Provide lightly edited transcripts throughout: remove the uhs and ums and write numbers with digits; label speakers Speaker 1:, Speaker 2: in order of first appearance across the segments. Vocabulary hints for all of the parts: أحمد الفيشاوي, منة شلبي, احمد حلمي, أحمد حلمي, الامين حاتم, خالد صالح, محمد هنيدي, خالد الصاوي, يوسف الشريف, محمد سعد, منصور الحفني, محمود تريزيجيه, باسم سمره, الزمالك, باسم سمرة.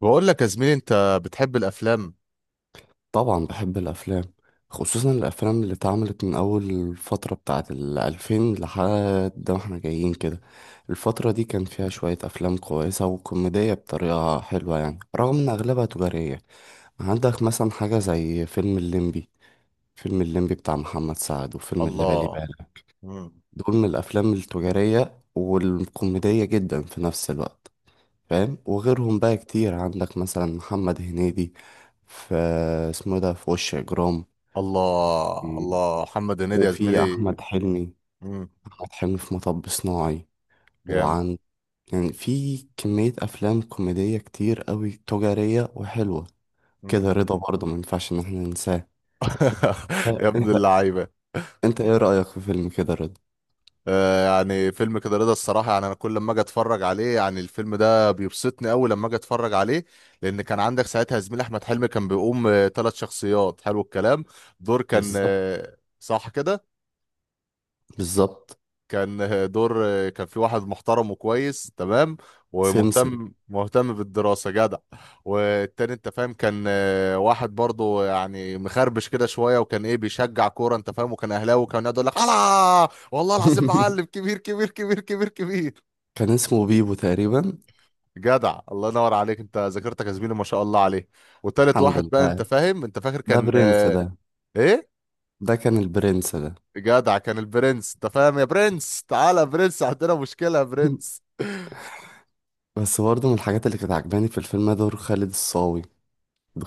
Speaker 1: بقول لك يا زميلي، انت بتحب الافلام؟
Speaker 2: طبعا بحب الافلام. خصوصا الافلام اللي اتعملت من اول الفتره بتاعت الالفين لحد ما احنا جايين كده. الفتره دي كان فيها شويه افلام كويسه وكوميديه بطريقه حلوه، يعني رغم ان اغلبها تجاريه. عندك مثلا حاجه زي فيلم الليمبي. فيلم الليمبي بتاع محمد سعد، وفيلم اللي بالي
Speaker 1: الله.
Speaker 2: بالك.
Speaker 1: مم.
Speaker 2: دول من الافلام التجاريه والكوميديه جدا في نفس الوقت. فاهم؟ وغيرهم بقى كتير. عندك مثلا محمد هنيدي، في، اسمه إيه ده، في وش اجرام.
Speaker 1: الله
Speaker 2: مم.
Speaker 1: الله، محمد هنيدي يا
Speaker 2: وفي
Speaker 1: زميلي.
Speaker 2: أحمد حلمي.
Speaker 1: مم.
Speaker 2: أحمد حلمي في مطب صناعي.
Speaker 1: جامد.
Speaker 2: وعن يعني في كمية أفلام كوميدية كتير قوي تجارية وحلوة.
Speaker 1: مم.
Speaker 2: كده رضا برضه ما ينفعش إن احنا ننساه. ها،
Speaker 1: يا ابن
Speaker 2: أنت.
Speaker 1: اللعيبه.
Speaker 2: أنت إيه رأيك في فيلم كده رضا؟
Speaker 1: يعني فيلم كده رضا الصراحه، يعني انا كل لما اجي اتفرج عليه يعني الفيلم ده بيبسطني قوي لما اجي اتفرج عليه. لان كان عندك ساعتها زميل احمد حلمي، كان بيقوم 3 شخصيات. حلو الكلام. دور كان
Speaker 2: بالظبط،
Speaker 1: صح كده.
Speaker 2: بالظبط.
Speaker 1: كان دور كان في واحد محترم وكويس تمام.
Speaker 2: سمسم.
Speaker 1: ومهتم مهتم بالدراسة جدع. والتاني انت فاهم، كان واحد برضو يعني مخربش كده شوية، وكان ايه بيشجع كورة، انت فاهم، وكان اهلاوي، وكان يقعد يقول لك الله والله العظيم معلم كبير كبير كبير كبير كبير.
Speaker 2: كان اسمه بيبو تقريبا.
Speaker 1: جدع الله ينور عليك، انت ذاكرتك يا زميلي ما شاء الله عليه. وتالت
Speaker 2: الحمد
Speaker 1: واحد بقى
Speaker 2: لله.
Speaker 1: انت فاهم، انت فاكر
Speaker 2: ده
Speaker 1: كان
Speaker 2: برنس ده
Speaker 1: ايه
Speaker 2: ده كان البرنس ده.
Speaker 1: جدع، كان البرنس انت فاهم، يا برنس تعالى يا برنس عندنا مشكلة يا برنس.
Speaker 2: بس برضه من الحاجات اللي كانت عجباني في الفيلم ده دور خالد الصاوي.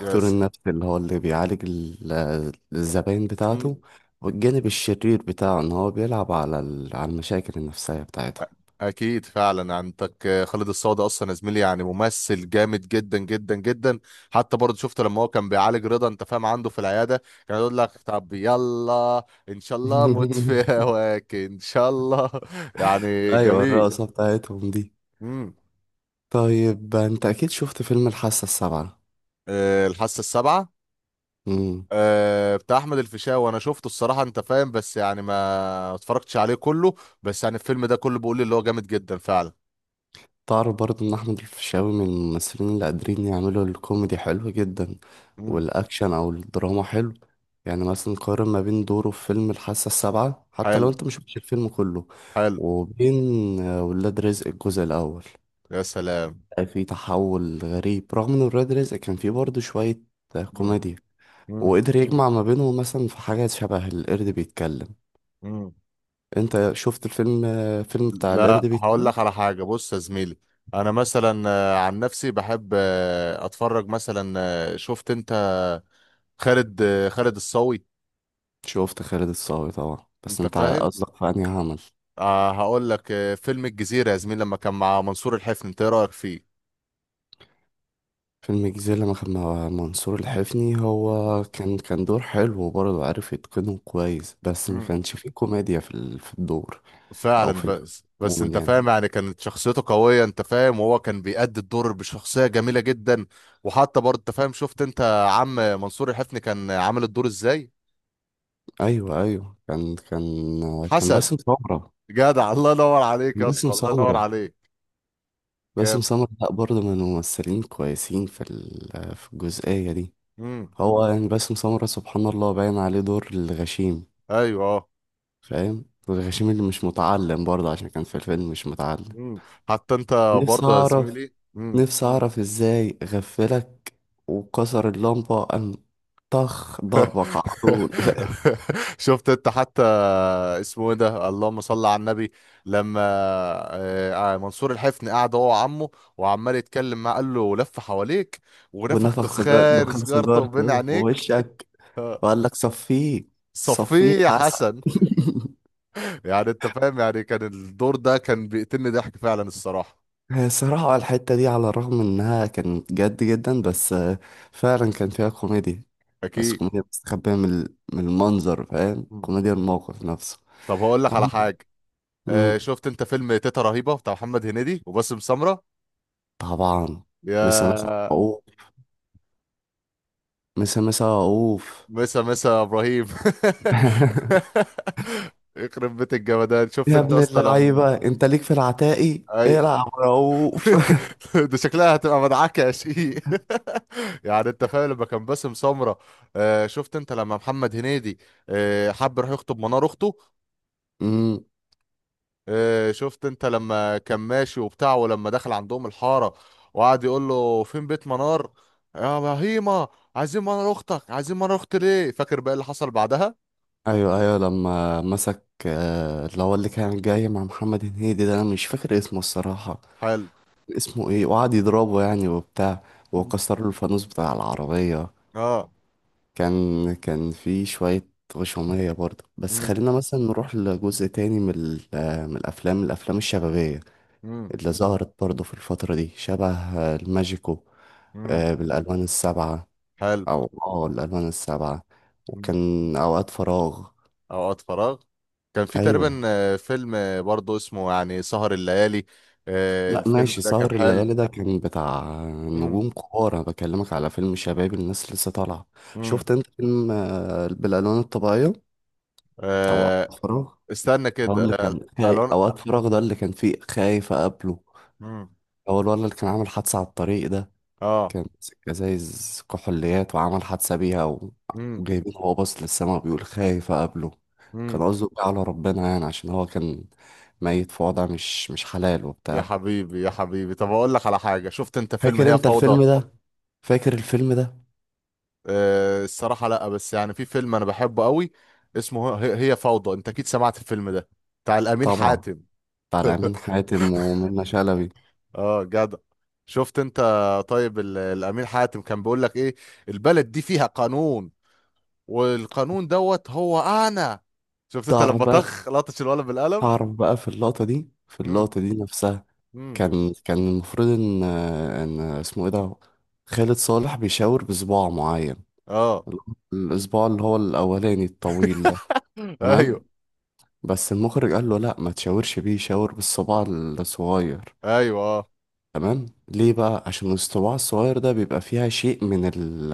Speaker 1: يس.
Speaker 2: النفس اللي هو اللي بيعالج الزباين بتاعته. والجانب الشرير بتاعه ان هو بيلعب على المشاكل النفسية بتاعتهم.
Speaker 1: اكيد فعلا، عندك خالد الصاوي ده اصلا يا زميلي، يعني ممثل جامد جدا جدا جدا. حتى برضه شفته لما هو كان بيعالج رضا انت فاهم عنده في العياده. كان يقول لك طب يلا ان شاء الله، موت في هواك ان شاء الله. يعني
Speaker 2: ايوه، ايوه،
Speaker 1: جميل.
Speaker 2: الرقصة بتاعتهم دي.
Speaker 1: امم.
Speaker 2: طيب انت اكيد شفت فيلم الحاسة السابعة.
Speaker 1: أه، الحاسه السابعه. أه بتاع احمد الفيشاوي، انا شفته الصراحه انت فاهم، بس يعني ما اتفرجتش عليه كله. بس يعني الفيلم ده كله بيقول لي اللي هو جامد جدا فعلا.
Speaker 2: تعرف برضه ان احمد الفيشاوي من الممثلين اللي قادرين يعملوا الكوميدي حلو جدا.
Speaker 1: امم.
Speaker 2: والاكشن او الدراما حلو. يعني مثلا قارن ما بين دوره في فيلم الحاسة السابعة، حتى لو
Speaker 1: حلو
Speaker 2: انت مش شفتش الفيلم كله،
Speaker 1: حلو.
Speaker 2: وبين ولاد رزق الجزء الاول.
Speaker 1: يا سلام.
Speaker 2: في تحول غريب، رغم ان ولاد رزق كان فيه برضه شوية
Speaker 1: امم.
Speaker 2: كوميديا. وقدر يجمع ما بينهم، مثلا في حاجات شبه القرد بيتكلم.
Speaker 1: امم.
Speaker 2: انت شفت الفيلم فيلم بتاع القرد
Speaker 1: لا، هقول
Speaker 2: بيتكلم؟
Speaker 1: لك على حاجة، بص يا زميلي. انا مثلا عن نفسي بحب اتفرج مثلا. شفت انت. خالد الصاوي.
Speaker 2: شفت خالد الصاوي طبعا، بس
Speaker 1: انت
Speaker 2: انت
Speaker 1: فاهم.
Speaker 2: قصدك في انهي عمل؟
Speaker 1: هقول لك فيلم الجزيرة يا زميلي، لما كان مع منصور الحفني، انت ايه رأيك فيه؟
Speaker 2: فيلم الجزيرة لما كان مع منصور الحفني،
Speaker 1: مم.
Speaker 2: هو كان دور حلو وبرضه عارف يتقنه كويس، بس ما
Speaker 1: مم.
Speaker 2: كانش فيه كوميديا في الدور. او
Speaker 1: فعلا.
Speaker 2: في ال-
Speaker 1: بس
Speaker 2: عموما
Speaker 1: انت فاهم
Speaker 2: يعني.
Speaker 1: يعني كانت شخصيته قوية، انت فاهم، وهو كان بيأدي الدور بشخصية جميلة جدا. وحتى برضه انت فاهم، شفت انت. عم منصور الحفني، كان عامل الدور ازاي؟
Speaker 2: ايوه، ايوه، كان
Speaker 1: حسن.
Speaker 2: باسم سمرة.
Speaker 1: جدع الله ينور عليك
Speaker 2: كان
Speaker 1: يا
Speaker 2: باسم
Speaker 1: اسطى، الله ينور
Speaker 2: سمرة.
Speaker 1: عليك.
Speaker 2: باسم
Speaker 1: جامد.
Speaker 2: سمرة لا برضه من الممثلين كويسين في الجزئية دي.
Speaker 1: امم.
Speaker 2: هو يعني باسم سمرة سبحان الله باين عليه دور الغشيم.
Speaker 1: ايوه اه.
Speaker 2: فاهم؟ الغشيم اللي مش متعلم، برضه عشان كان في الفيلم مش متعلم.
Speaker 1: امم. حتى انت.
Speaker 2: نفسي
Speaker 1: برضه يا
Speaker 2: أعرف.
Speaker 1: زميلي، امم.
Speaker 2: نفسي أعرف إزاي غفلك وكسر اللمبة، قام طخ ضربك على طول.
Speaker 1: شفت انت، حتى. اسمه ايه ده، اللهم صل على النبي. لما منصور الحفني قعد هو وعمه. وعمال يتكلم معاه، قال له لف حواليك. ونفخ
Speaker 2: ونفخ
Speaker 1: دخان
Speaker 2: دخان
Speaker 1: سيجارته بين
Speaker 2: سيجارته في
Speaker 1: عينيك.
Speaker 2: وشك،
Speaker 1: آه،
Speaker 2: وقال لك صفيه. صفيه
Speaker 1: صفيه يا
Speaker 2: حسن.
Speaker 1: حسن. يعني انت فاهم، يعني كان الدور ده كان بيقتلني ضحك فعلا الصراحه.
Speaker 2: هي الصراحة الحتة دي على الرغم إنها كانت جد جدا، بس فعلا كان فيها كوميديا. بس
Speaker 1: اكيد.
Speaker 2: كوميديا مستخبية من المنظر. فاهم؟ كوميديا الموقف نفسه.
Speaker 1: طب هقول لك على
Speaker 2: عندك-
Speaker 1: حاجه.
Speaker 2: مم،
Speaker 1: شفت انت فيلم تيتا رهيبه بتاع محمد هنيدي وباسم سمره.
Speaker 2: طبعا. مسا مسا
Speaker 1: يا.
Speaker 2: عقوق. مسا مسا عقوف.
Speaker 1: مسا مسا يا ابراهيم. يخرب بيت الجمدان، شفت
Speaker 2: يا
Speaker 1: انت
Speaker 2: ابن
Speaker 1: اصلا لما.
Speaker 2: اللعيبة، انت ليك في العتاقي.
Speaker 1: اي.
Speaker 2: العب رؤوف.
Speaker 1: ده شكلها هتبقى مدعكه يا شقيق يعني انت فاهم، لما كان باسم سمره. شفت انت لما محمد هنيدي. حب يروح يخطب منار اخته.
Speaker 2: امم
Speaker 1: شفت انت لما كان ماشي وبتاع، ولما دخل عندهم الحارة. وقعد يقول له فين بيت منار. يا بهيمة. عايزين منار اختك، عايزين منار اختي ليه، فاكر بقى اللي حصل بعدها.
Speaker 2: ايوه، ايوه، لما مسك اللي هو اللي كان جاي مع محمد هنيدي ده، انا مش فاكر اسمه الصراحة.
Speaker 1: حلو.
Speaker 2: اسمه ايه، وقعد يضربه يعني وبتاع،
Speaker 1: مم.
Speaker 2: وكسر له الفانوس بتاع العربية.
Speaker 1: اه.
Speaker 2: كان في شوية غشومية برضه. بس
Speaker 1: امم.
Speaker 2: خلينا مثلا نروح لجزء تاني من ال- آه، من الافلام الشبابية
Speaker 1: امم.
Speaker 2: اللي ظهرت برضه في الفترة دي، شبه الماجيكو.
Speaker 1: امم.
Speaker 2: بالالوان السبعة،
Speaker 1: حلو.
Speaker 2: او الالوان السبعه،
Speaker 1: مم.
Speaker 2: وكان اوقات فراغ.
Speaker 1: اوقات فراغ. كان في
Speaker 2: ايوه.
Speaker 1: تقريبا فيلم برضه اسمه يعني سهر الليالي.
Speaker 2: لا
Speaker 1: الفيلم
Speaker 2: ماشي،
Speaker 1: ده كان
Speaker 2: سهر
Speaker 1: حلو.
Speaker 2: الليالي ده كان بتاع
Speaker 1: امم.
Speaker 2: نجوم كبار، انا بكلمك على فيلم شباب الناس لسه طالعه. شفت
Speaker 1: امم.
Speaker 2: انت فيلم بالالوان الطبيعيه، او
Speaker 1: آه،
Speaker 2: اوقات فراغ؟
Speaker 1: استنى كده
Speaker 2: هقول لك، كان
Speaker 1: الوان.
Speaker 2: اوقات فراغ ده اللي كان فيه خايف اقابله.
Speaker 1: مم.
Speaker 2: هو الولد اللي كان عامل حادثه على الطريق ده،
Speaker 1: اه.
Speaker 2: كان ماسك ازايز كحوليات وعمل حادثة بيها
Speaker 1: امم.
Speaker 2: وجايبين هو باص للسما بيقول خايف أقابله. كان قصده بيه على ربنا، يعني عشان هو كان ميت في وضع مش حلال
Speaker 1: يا
Speaker 2: وبتاع.
Speaker 1: حبيبي يا حبيبي، طب اقول لك على حاجه، شفت انت فيلم
Speaker 2: فاكر
Speaker 1: هي
Speaker 2: انت
Speaker 1: فوضى؟
Speaker 2: الفيلم ده؟ فاكر الفيلم ده؟
Speaker 1: أه الصراحه لا، بس يعني في فيلم انا بحبه قوي. اسمه هي هي فوضى، انت اكيد سمعت الفيلم ده. بتاع الامين
Speaker 2: طبعا.
Speaker 1: حاتم.
Speaker 2: بتاع الأمين حاتم ومنة شلبي.
Speaker 1: اه جدع. شفت انت. طيب الامين حاتم كان بيقول لك ايه؟ البلد دي فيها قانون. والقانون دوت هو انا. شفت انت
Speaker 2: تعرف
Speaker 1: لما
Speaker 2: بقى.
Speaker 1: طخ لطش الولد بالقلم.
Speaker 2: تعرف بقى في اللقطة دي، في
Speaker 1: امم.
Speaker 2: اللقطة دي نفسها
Speaker 1: امم.
Speaker 2: كان المفروض ان اسمه ايه ده، خالد صالح، بيشاور بصباع معين.
Speaker 1: اه.
Speaker 2: الاسبوع اللي هو الاولاني الطويل ده. تمام؟
Speaker 1: ايوه
Speaker 2: بس المخرج قال له لا، ما تشاورش بيه، شاور بالصباع الصغير.
Speaker 1: ايوه اه.
Speaker 2: تمام. ليه بقى؟ عشان الصباع الصغير ده بيبقى فيها شيء من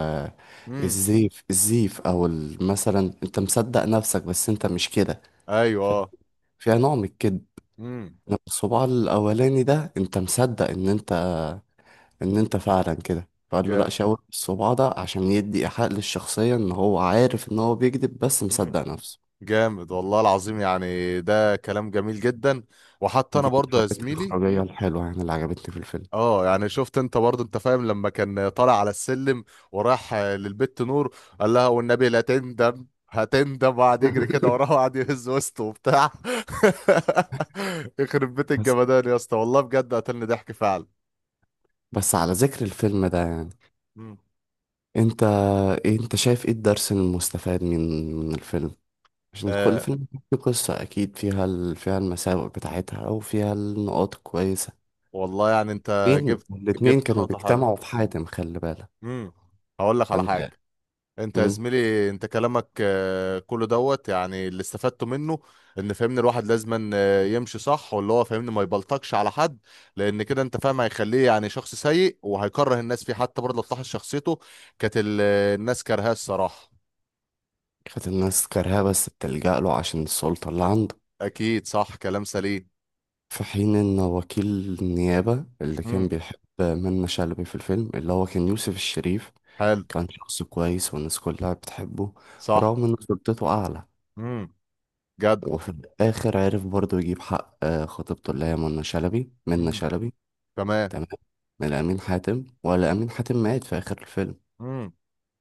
Speaker 1: امم.
Speaker 2: الزيف، او مثلا انت مصدق نفسك بس انت مش كده.
Speaker 1: ايوه
Speaker 2: ف-
Speaker 1: اه.
Speaker 2: فيها نوع من الكذب.
Speaker 1: امم.
Speaker 2: إنما الصباع الاولاني ده انت مصدق ان انت فعلا كده. فقال له لا،
Speaker 1: جامد
Speaker 2: شاور بالصباع ده عشان يدي ايحاء للشخصية ان هو عارف ان هو بيكذب بس مصدق نفسه.
Speaker 1: جامد والله العظيم، يعني ده كلام جميل جدا. وحتى انا
Speaker 2: دي من
Speaker 1: برضه يا
Speaker 2: الحاجات
Speaker 1: زميلي.
Speaker 2: الإخراجية الحلوة يعني اللي عجبتني في الفيلم.
Speaker 1: اه يعني شفت انت برضه، انت فاهم، لما كان طالع على السلم. وراح للبت نور، قال لها والنبي لا تندم هتندم، وقعد يجري كده وراه وقعد يهز وسطه وبتاع. يخرب بيت الجمدان يا اسطى، والله بجد قتلني ضحك فعلا.
Speaker 2: بس على ذكر الفيلم ده، يعني
Speaker 1: مم.
Speaker 2: انت انت شايف ايه الدرس المستفاد من الفيلم؟ عشان كل
Speaker 1: آه
Speaker 2: فيلم فيه قصة اكيد فيها فيها المساوئ بتاعتها او فيها النقاط الكويسة.
Speaker 1: والله يعني انت
Speaker 2: الاتنين
Speaker 1: جبت
Speaker 2: الاتنين
Speaker 1: جبت
Speaker 2: كانوا
Speaker 1: نقطة حلوة.
Speaker 2: بيجتمعوا في حاتم، خلي بالك.
Speaker 1: امم. هقول لك على حاجة.
Speaker 2: فانت
Speaker 1: انت يا
Speaker 2: مم.
Speaker 1: زميلي، انت كلامك كله دوت، يعني اللي استفدته منه. ان فاهمني الواحد لازم يمشي صح، واللي هو فاهمني ما يبلطجش على حد. لان كده انت فاهم هيخليه يعني شخص سيء وهيكره الناس فيه، حتى برضه لو تلاحظ شخصيته. كانت الناس كارهاه الصراحة.
Speaker 2: كانت الناس كارهاه، بس بتلجأ له عشان السلطة اللي عنده.
Speaker 1: اكيد صح، كلام سليم.
Speaker 2: في حين ان وكيل النيابة اللي كان
Speaker 1: امم.
Speaker 2: بيحب منة شلبي في الفيلم، اللي هو كان يوسف الشريف،
Speaker 1: حلو.
Speaker 2: كان شخص كويس والناس كلها بتحبه،
Speaker 1: صح.
Speaker 2: رغم ان سلطته اعلى.
Speaker 1: امم. جدع.
Speaker 2: وفي الآخر عرف برضو يجيب حق خطيبته اللي هي منى شلبي منى
Speaker 1: امم.
Speaker 2: شلبي
Speaker 1: تمام.
Speaker 2: تمام. من أمين حاتم، ولا أمين حاتم مات في آخر الفيلم؟
Speaker 1: مم.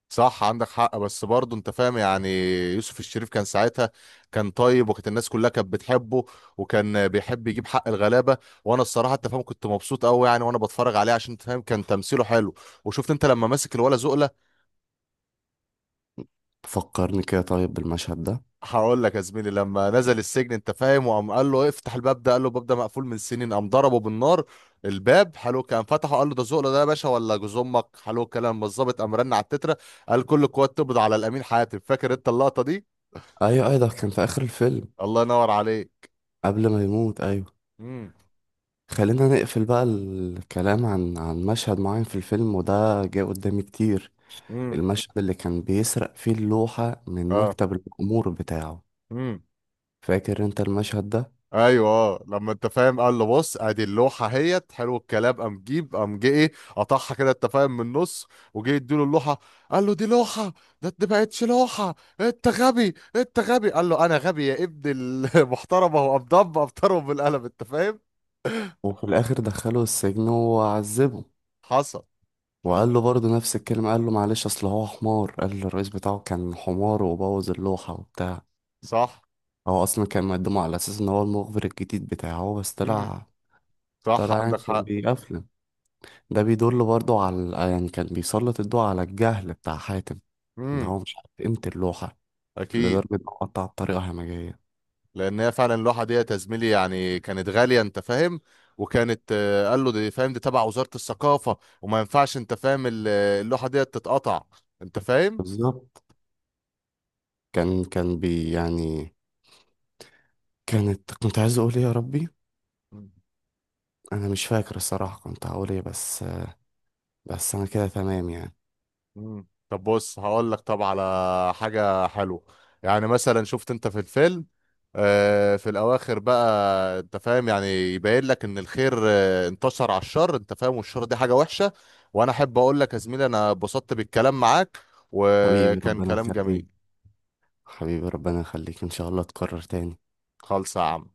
Speaker 1: صح عندك حق، بس برضه انت فاهم يعني. يوسف الشريف كان ساعتها. كان طيب وكانت الناس كلها كانت بتحبه. وكان بيحب يجيب حق الغلابه. وانا الصراحه انت فاهم، كنت مبسوط قوي يعني وانا بتفرج عليه، عشان انت فاهم كان تمثيله حلو. وشفت انت لما ماسك الولا زقله.
Speaker 2: فكرني كده طيب بالمشهد ده.
Speaker 1: هقول لك يا زميلي، لما نزل السجن انت فاهم، وقام قال له افتح الباب ده، قال له الباب ده مقفول من سنين، قام ضربه بالنار. الباب حلو كان فتحه، قال له ده زقله ده يا باشا ولا جوز امك، حلو الكلام، الظابط قام رن على التتره. قال كل القوات تقبض على الامين حاتم، فاكر انت اللقطه دي.
Speaker 2: أيوة، أيوة، ده كان في آخر الفيلم
Speaker 1: الله ينور عليك.
Speaker 2: قبل ما يموت. أيوة.
Speaker 1: امم.
Speaker 2: خلينا نقفل بقى الكلام عن مشهد معين في الفيلم، وده جه قدامي كتير.
Speaker 1: امم.
Speaker 2: المشهد اللي كان بيسرق فيه اللوحة من
Speaker 1: اه.
Speaker 2: مكتب الأمور بتاعه.
Speaker 1: امم.
Speaker 2: فاكر انت المشهد ده؟
Speaker 1: ايوه اه، لما انت فاهم قال له بص ادي اللوحه اهيت، حلو الكلام، قام جيب قام جه ايه. قطعها كده انت فاهم من النص. وجه اديله اللوحه. قال له دي لوحه. ده ما بقتش لوحه. انت غبي انت غبي، قال له انا غبي يا ابن المحترمه هو قام ضرب ابطره بالقلم انت فاهم.
Speaker 2: وفي الآخر دخله السجن وعذبه،
Speaker 1: حصل.
Speaker 2: وقال له برضه نفس الكلمة. قال له معلش أصل هو حمار. قال له الرئيس بتاعه كان حمار وبوظ اللوحة وبتاع.
Speaker 1: صح.
Speaker 2: هو أصلا كان مقدمه على أساس إن هو المخبر الجديد بتاعه، بس
Speaker 1: امم.
Speaker 2: طلع
Speaker 1: صح
Speaker 2: طلع يعني
Speaker 1: عندك
Speaker 2: كان
Speaker 1: حق.
Speaker 2: بيقفله. ده بيدل برضه على، يعني كان بيسلط الضوء على الجهل بتاع حاتم، إن
Speaker 1: امم.
Speaker 2: هو مش عارف قيمة اللوحة
Speaker 1: اكيد.
Speaker 2: لدرجة إنه قطع بطريقة همجية.
Speaker 1: لان هي فعلا اللوحه ديت يا زميلي، يعني كانت غاليه انت فاهم. وكانت قال له دي فاهم دي تبع وزاره الثقافه، وما ينفعش انت فاهم اللوحه ديت تتقطع. انت فاهم.
Speaker 2: بالظبط. كان يعني. كنت عايز أقول إيه يا ربي.
Speaker 1: مم.
Speaker 2: أنا مش فاكر الصراحة كنت هقول إيه، بس بس أنا كده تمام يعني.
Speaker 1: مم. طب بص هقول لك، طب على حاجه حلوه. يعني مثلا شفت انت في الفيلم، في الاواخر بقى، انت فاهم يعني. يبين لك ان الخير انتصر على الشر، انت فاهم، والشر دي حاجه وحشه. وانا احب اقول لك يا زميلي، انا اتبسطت بالكلام معاك
Speaker 2: حبيبي
Speaker 1: وكان
Speaker 2: ربنا
Speaker 1: كلام
Speaker 2: يخليك.
Speaker 1: جميل.
Speaker 2: حبيبي ربنا يخليك، ان شاء الله تكرر تاني.
Speaker 1: خالص يا عم.